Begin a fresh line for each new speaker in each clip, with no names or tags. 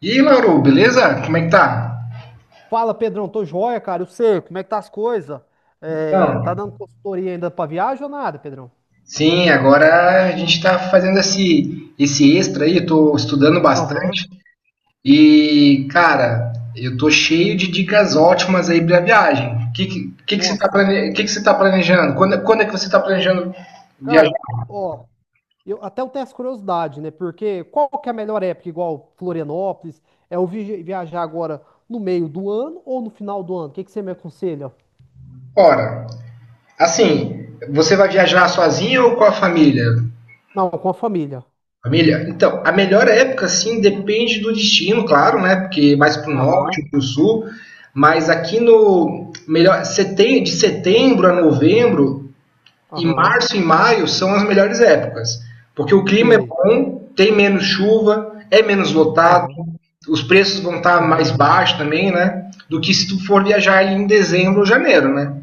E aí, Lauro, beleza? Como é que tá?
Fala, Pedrão, tô joia, cara. Eu sei, como é que tá as coisas? É, tá
Então,
dando consultoria ainda pra viagem ou nada, Pedrão?
sim, agora a gente tá fazendo esse extra aí, eu tô estudando
Aham.
bastante e, cara, eu tô cheio de dicas ótimas aí pra viagem. O que
Nossa.
você tá planejando? Quando é que você tá planejando viajar
Cara, ó, eu até eu tenho essa curiosidade, né? Porque qual que é a melhor época, igual Florianópolis? É viajar agora no meio do ano ou no final do ano? O que que você me aconselha?
fora? Assim, você vai viajar sozinho ou com a família?
Não, com a família.
Família, então, a melhor época, sim, depende do destino, claro, né? Porque mais para o
Aham,
norte, para o sul. Mas aqui no melhor setem- de setembro a novembro e
aham,
março e maio são as melhores épocas, porque o clima é
sei.
bom, tem menos chuva, é menos lotado,
Aham,
os preços vão estar mais
aham,
baixos também, né? Do que se tu for viajar em dezembro ou janeiro, né?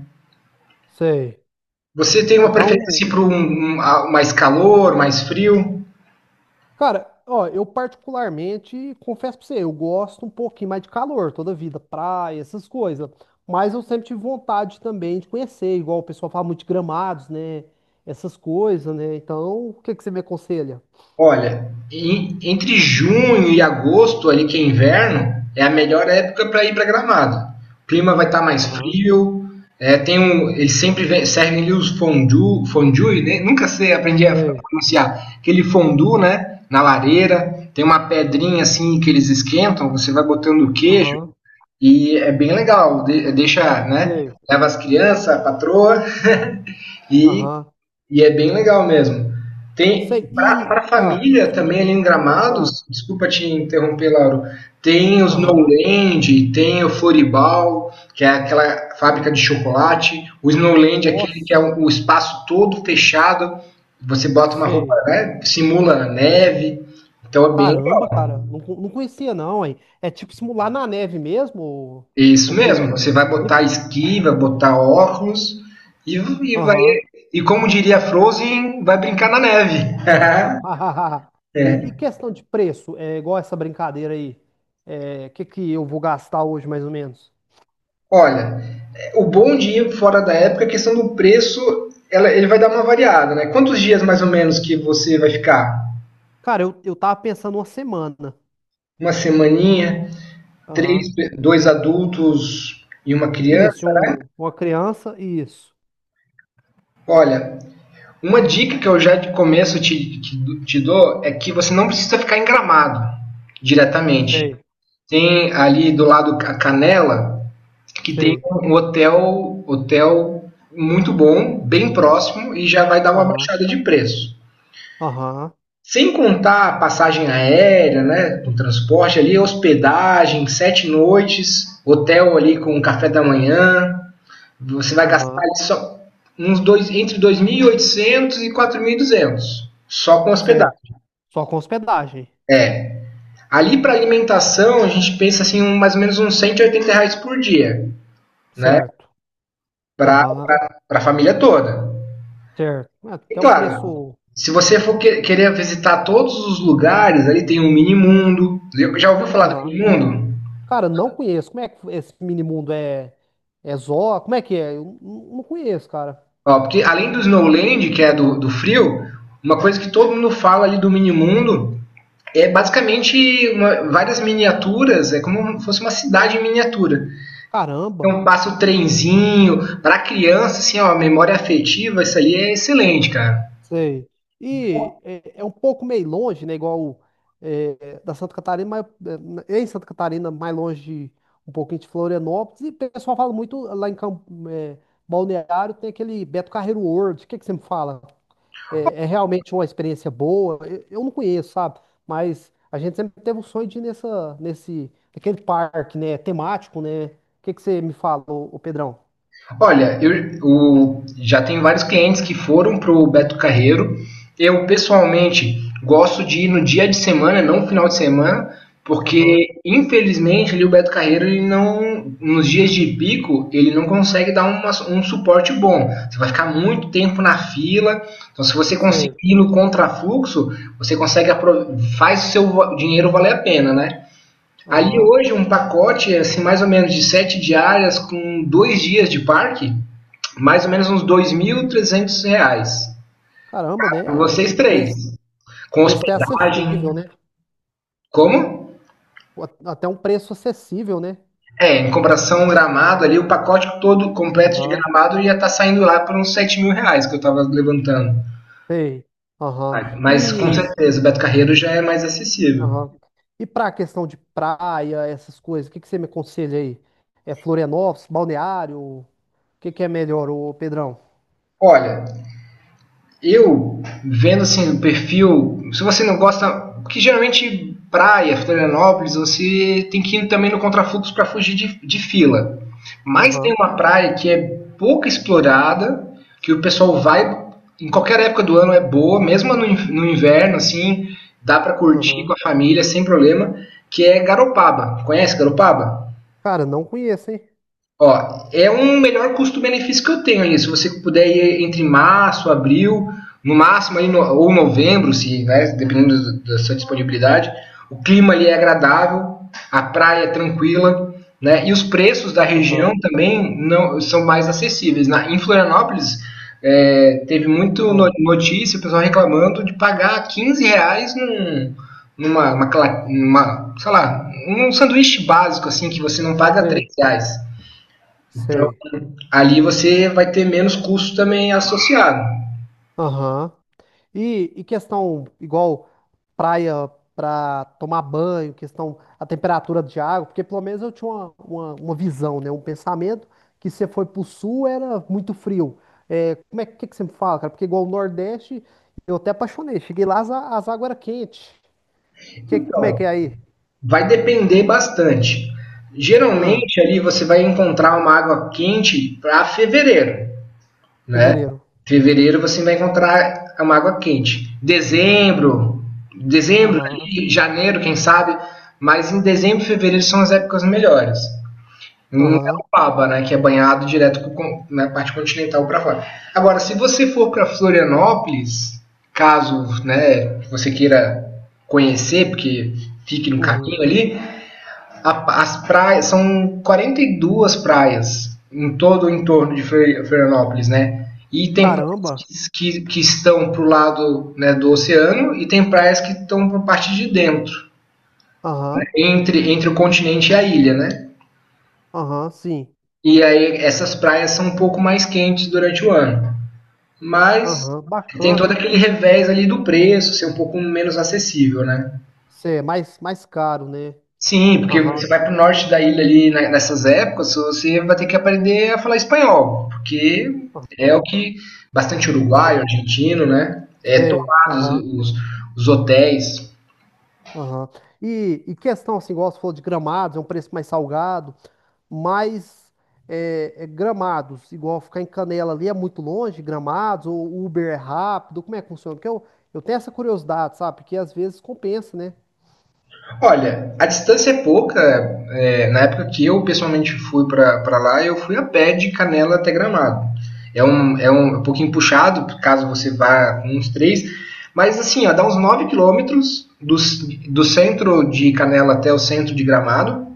sei.
Você tem uma
Então,
preferência para mais calor, mais frio?
cara, ó, eu particularmente confesso pra você, eu gosto um pouquinho mais de calor toda vida, praia, essas coisas. Mas eu sempre tive vontade também de conhecer, igual o pessoal fala muito de Gramados, né? Essas coisas, né? Então, o que que você me aconselha?
Olha, entre junho e agosto, ali que é inverno, é a melhor época para ir para Gramado. O clima vai estar mais
Aham,
frio. É, tem um, eles sempre servem ali os fondue, fondue, né? Nunca sei, aprendi a
sei,
pronunciar. Aquele fondue, né? Na lareira, tem uma pedrinha assim que eles esquentam, você vai botando o queijo
aham,
e é bem legal. Deixa, né?
sei,
Leva as crianças, a patroa e
aham,
e é bem legal mesmo. Tem
sei. E,
para a
ah,
família também
desculpa,
ali em
ah,
Gramados, desculpa te interromper, Lauro. Tem os
aham,
Snowland, tem o Floribal, que é aquela fábrica de chocolate. O Snowland é aquele que é
nossa,
o espaço todo fechado. Você bota uma roupa,
sei.
né, simula neve. Então é bem
Caramba,
legal.
cara, não, não conhecia não, hein? É tipo simular na neve mesmo,
É isso
ô, ô Pedro?
mesmo. Você
Me
vai
explica.
botar esqui, vai botar óculos e, e vai
Aham.
e, como diria Frozen, vai brincar na neve.
E, e questão de preço, é igual essa brincadeira aí. É, que eu vou gastar hoje, mais ou menos?
Olha, o bom de ir fora da época é a questão do preço, ele vai dar uma variada, né? Quantos dias mais ou menos que você vai ficar?
Cara, eu tava pensando uma semana.
Uma semaninha,
Aham.
três, dois adultos e uma
Isso,
criança?
um, uma criança, isso.
Olha, uma dica que eu já de começo te dou é que você não precisa ficar em Gramado diretamente.
Sei,
Tem ali do lado a Canela, que tem
sei.
um hotel muito bom, bem próximo e já vai dar uma
Aham,
baixada de preço.
aham,
Sem contar a passagem aérea, né? O transporte ali, hospedagem, 7 noites, hotel ali com café da manhã. Você vai gastar
aham.
só uns dois, entre 2.800 e 4.200 só com hospedagem.
Certo. Só com hospedagem.
É. Ali para alimentação, a gente pensa assim, um, mais ou menos uns R$ 180 por dia, né?
Certo.
Para
Aham,
a família toda.
certo. É,
E
até um
claro,
preço.
se você for querer visitar todos os lugares, ali tem o Mini Mundo. Já ouviu falar do
Aham.
Mini Mundo?
Cara, não conheço. Como é que esse mini mundo é. É Zó? Como é que é? Eu não conheço, cara.
Ó, porque além do Snowland, que é do, frio, uma coisa que todo mundo fala ali do mini-mundo é basicamente várias miniaturas, é como se fosse uma cidade em miniatura.
Caramba.
Então passa o trenzinho, para criança, assim, ó, memória afetiva, isso ali é excelente, cara.
Sei. E é, é um pouco meio longe, né? Igual é, da Santa Catarina, mas é, em Santa Catarina, mais longe um pouquinho de Florianópolis. E o pessoal fala muito lá em Campo, é, Balneário, tem aquele Beto Carreiro World. O que que você me fala? É, é realmente uma experiência boa? Eu não conheço, sabe? Mas a gente sempre teve o sonho de ir nessa, nesse, aquele parque, né? Temático, né? O que que você me fala, ô, ô Pedrão?
Olha, eu já tenho vários clientes que foram pro Beto Carreiro. Eu pessoalmente gosto de ir no dia de semana, não no final de semana,
Aham,
porque infelizmente ali o Beto Carreiro ele não, nos dias de pico, ele não consegue dar um suporte bom. Você vai ficar muito tempo na fila. Então, se você conseguir
sei.
ir no contrafluxo, você consegue faz o seu dinheiro valer a pena, né? Ali
Aham.
hoje um pacote assim mais ou menos de 7 diárias com 2 dias de parque, mais ou menos uns R$ 2.300.
Caramba,
Pra
né? O
vocês três,
preço.
com
Preço até
hospedagem.
acessível, né?
Como?
Até um preço acessível, né?
É, em comparação Gramado ali, o pacote todo completo de
Aham,
Gramado ia estar tá saindo lá por uns R$ 7.000, que eu estava levantando.
sei. Aham.
Mas com
E,
certeza, o Beto Carreiro já é mais acessível.
aham. E para a questão de praia, essas coisas, o que que você me aconselha aí? É Florianópolis, Balneário? O que que é melhor, ô Pedrão?
Olha, eu vendo assim o perfil, se você não gosta, que geralmente praia, Florianópolis, você tem que ir também no contrafluxo para fugir de, fila. Mas tem
Aham,
uma praia que é pouco explorada, que o pessoal vai em qualquer época do ano é boa, mesmo no inverno assim, dá para curtir com
aham.
a família sem problema, que é Garopaba. Conhece Garopaba?
Cara, não conheço, hein?
Ó, é um melhor custo-benefício que eu tenho aí. Se você puder ir entre março, abril, no máximo aí ou novembro, se, né, dependendo da sua disponibilidade. O clima ali é agradável, a praia é tranquila, né? E os preços da região
Aham,
também não são mais acessíveis. Em Florianópolis teve muito
aham.
notícia, o pessoal reclamando de pagar R$ 15 num, numa, uma cla- sei lá, um sanduíche básico assim que você não paga 3
Sei,
reais. Então,
sei.
ali você vai ter menos custo também associado.
Aham. E questão igual praia para tomar banho, questão a temperatura de água, porque pelo menos eu tinha uma visão, né? Um pensamento que se você foi pro sul era muito frio. É, como é que você me fala, cara? Porque igual o Nordeste, eu até apaixonei. Cheguei lá, as águas eram quentes. Que, como é
Então,
que é aí?
vai depender bastante.
Ah,
Geralmente ali você vai encontrar uma água quente para fevereiro, né?
fevereiro.
Fevereiro você vai encontrar uma água quente. Dezembro, dezembro
Aham,
ali, janeiro, quem sabe, mas em dezembro e fevereiro são as épocas melhores. Em
aham,
Garopaba, né, que é banhado direto com na parte continental para fora. Agora, se você for para Florianópolis, caso, né, você queira conhecer, porque fique no caminho
uhum.
ali, as praias são 42 praias em todo o entorno de Florianópolis, né? E tem praias
Caramba.
que estão pro lado, né, do oceano e tem praias que estão para a parte de dentro, né,
Aham,
entre o continente e a ilha, né?
aham, sim.
E aí essas praias são um pouco mais quentes durante o ano. Mas
Aham,
tem
bacana,
todo
hein?
aquele revés ali do preço, ser um pouco menos acessível, né?
Cê é mais, mais caro, né?
Sim, porque
Aham.
você vai para o norte da ilha ali nessas épocas, você vai ter que aprender a falar espanhol, porque é o
Aham,
que bastante uruguaio,
eu
argentino, né? É
sei.
tomados
Aham,
os, hotéis.
aham. E questão, assim, igual você falou de gramados, é um preço mais salgado, mas é, é, gramados, igual ficar em Canela ali é muito longe, gramados, ou o Uber é rápido, como é que funciona? Porque eu tenho essa curiosidade, sabe? Porque às vezes compensa, né?
Olha, a distância é pouca. Na época que eu pessoalmente fui para lá, eu fui a pé de Canela até Gramado. É um pouquinho puxado, caso você vá uns três. Mas assim, ó, dá uns 9 quilômetros do, centro de Canela até o centro de Gramado,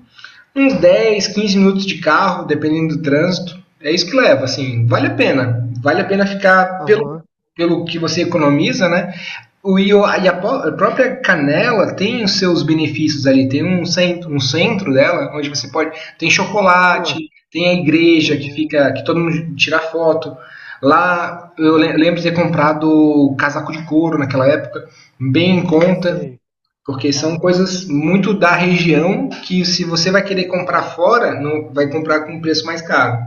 uns 10, 15 minutos de carro, dependendo do trânsito. É isso que leva. Assim, vale a pena. Vale a pena ficar pelo,
Aham,
pelo que você economiza, né? A própria Canela tem os seus benefícios ali, tem um centro dela, onde você pode. Tem chocolate,
ah,
tem a igreja que
uhum,
fica, que todo mundo tira foto. Lá eu
aham,
lembro de ter comprado casaco de couro naquela época, bem em conta.
sei.
Porque são
Aham.
coisas muito da região que, se você vai querer comprar fora, não vai comprar com um preço mais caro.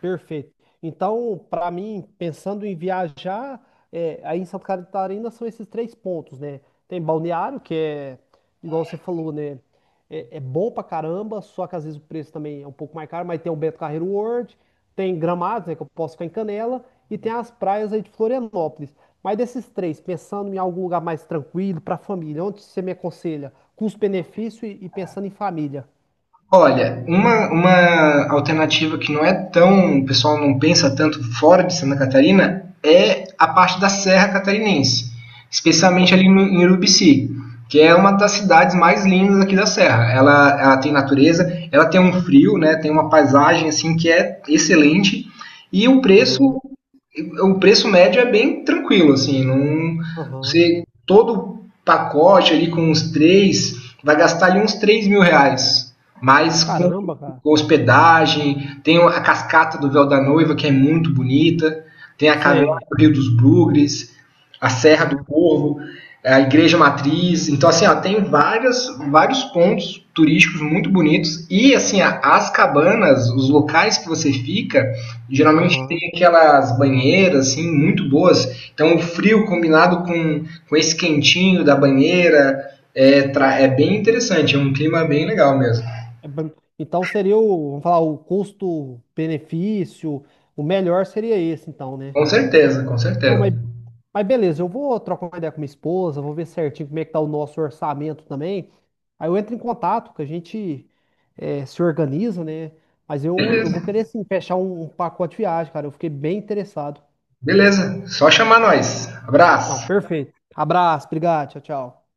Perfeito. Então, para mim, pensando em viajar, é, aí em Santa Catarina são esses três pontos, né? Tem Balneário, que é, igual você falou, né? É, é bom pra caramba, só que às vezes o preço também é um pouco mais caro, mas tem o Beto Carreiro World, tem Gramado, né? Que eu posso ficar em Canela, e tem as praias aí de Florianópolis. Mas desses três, pensando em algum lugar mais tranquilo, pra família, onde você me aconselha? Custo-benefício e pensando em família.
Olha, uma alternativa, que não é tão, o pessoal não pensa tanto, fora de Santa Catarina é a parte da Serra Catarinense, especialmente ali
Aham,
no, em Urubici, que é uma das cidades mais lindas aqui da Serra. Ela tem natureza, ela tem um frio, né, tem uma paisagem assim que é excelente, e o preço,
aham,
o preço médio é bem tranquilo assim. Não,
aham.
você todo pacote ali com os três vai gastar ali uns R$ 3.000, mas com
Caramba, cara.
hospedagem, tem a cascata do Véu da Noiva, que é muito bonita, tem a caverna
Sei.
do Rio dos Bugres, a Serra do
Aham,
Corvo, a Igreja Matriz. Então, assim, ó, tem vários pontos turísticos muito bonitos. E, assim, ó, as cabanas, os locais que você fica, geralmente
aham.
tem aquelas banheiras, assim, muito boas. Então, o frio combinado com esse quentinho da banheira é bem interessante. É um clima bem legal mesmo.
É bem- Então seria o, vamos falar, o custo-benefício, o melhor seria esse, então, né?
Com certeza, com
Não,
certeza.
mas beleza, eu vou trocar uma ideia com minha esposa, vou ver certinho como é que tá o nosso orçamento também. Aí eu entro em contato, que a gente eh, se organiza, né? Mas eu
Beleza,
vou querer sim fechar um, um pacote de viagem, cara. Eu fiquei bem interessado.
beleza. Só chamar nós.
Não,
Abraço.
perfeito. Abraço, obrigado, tchau, tchau.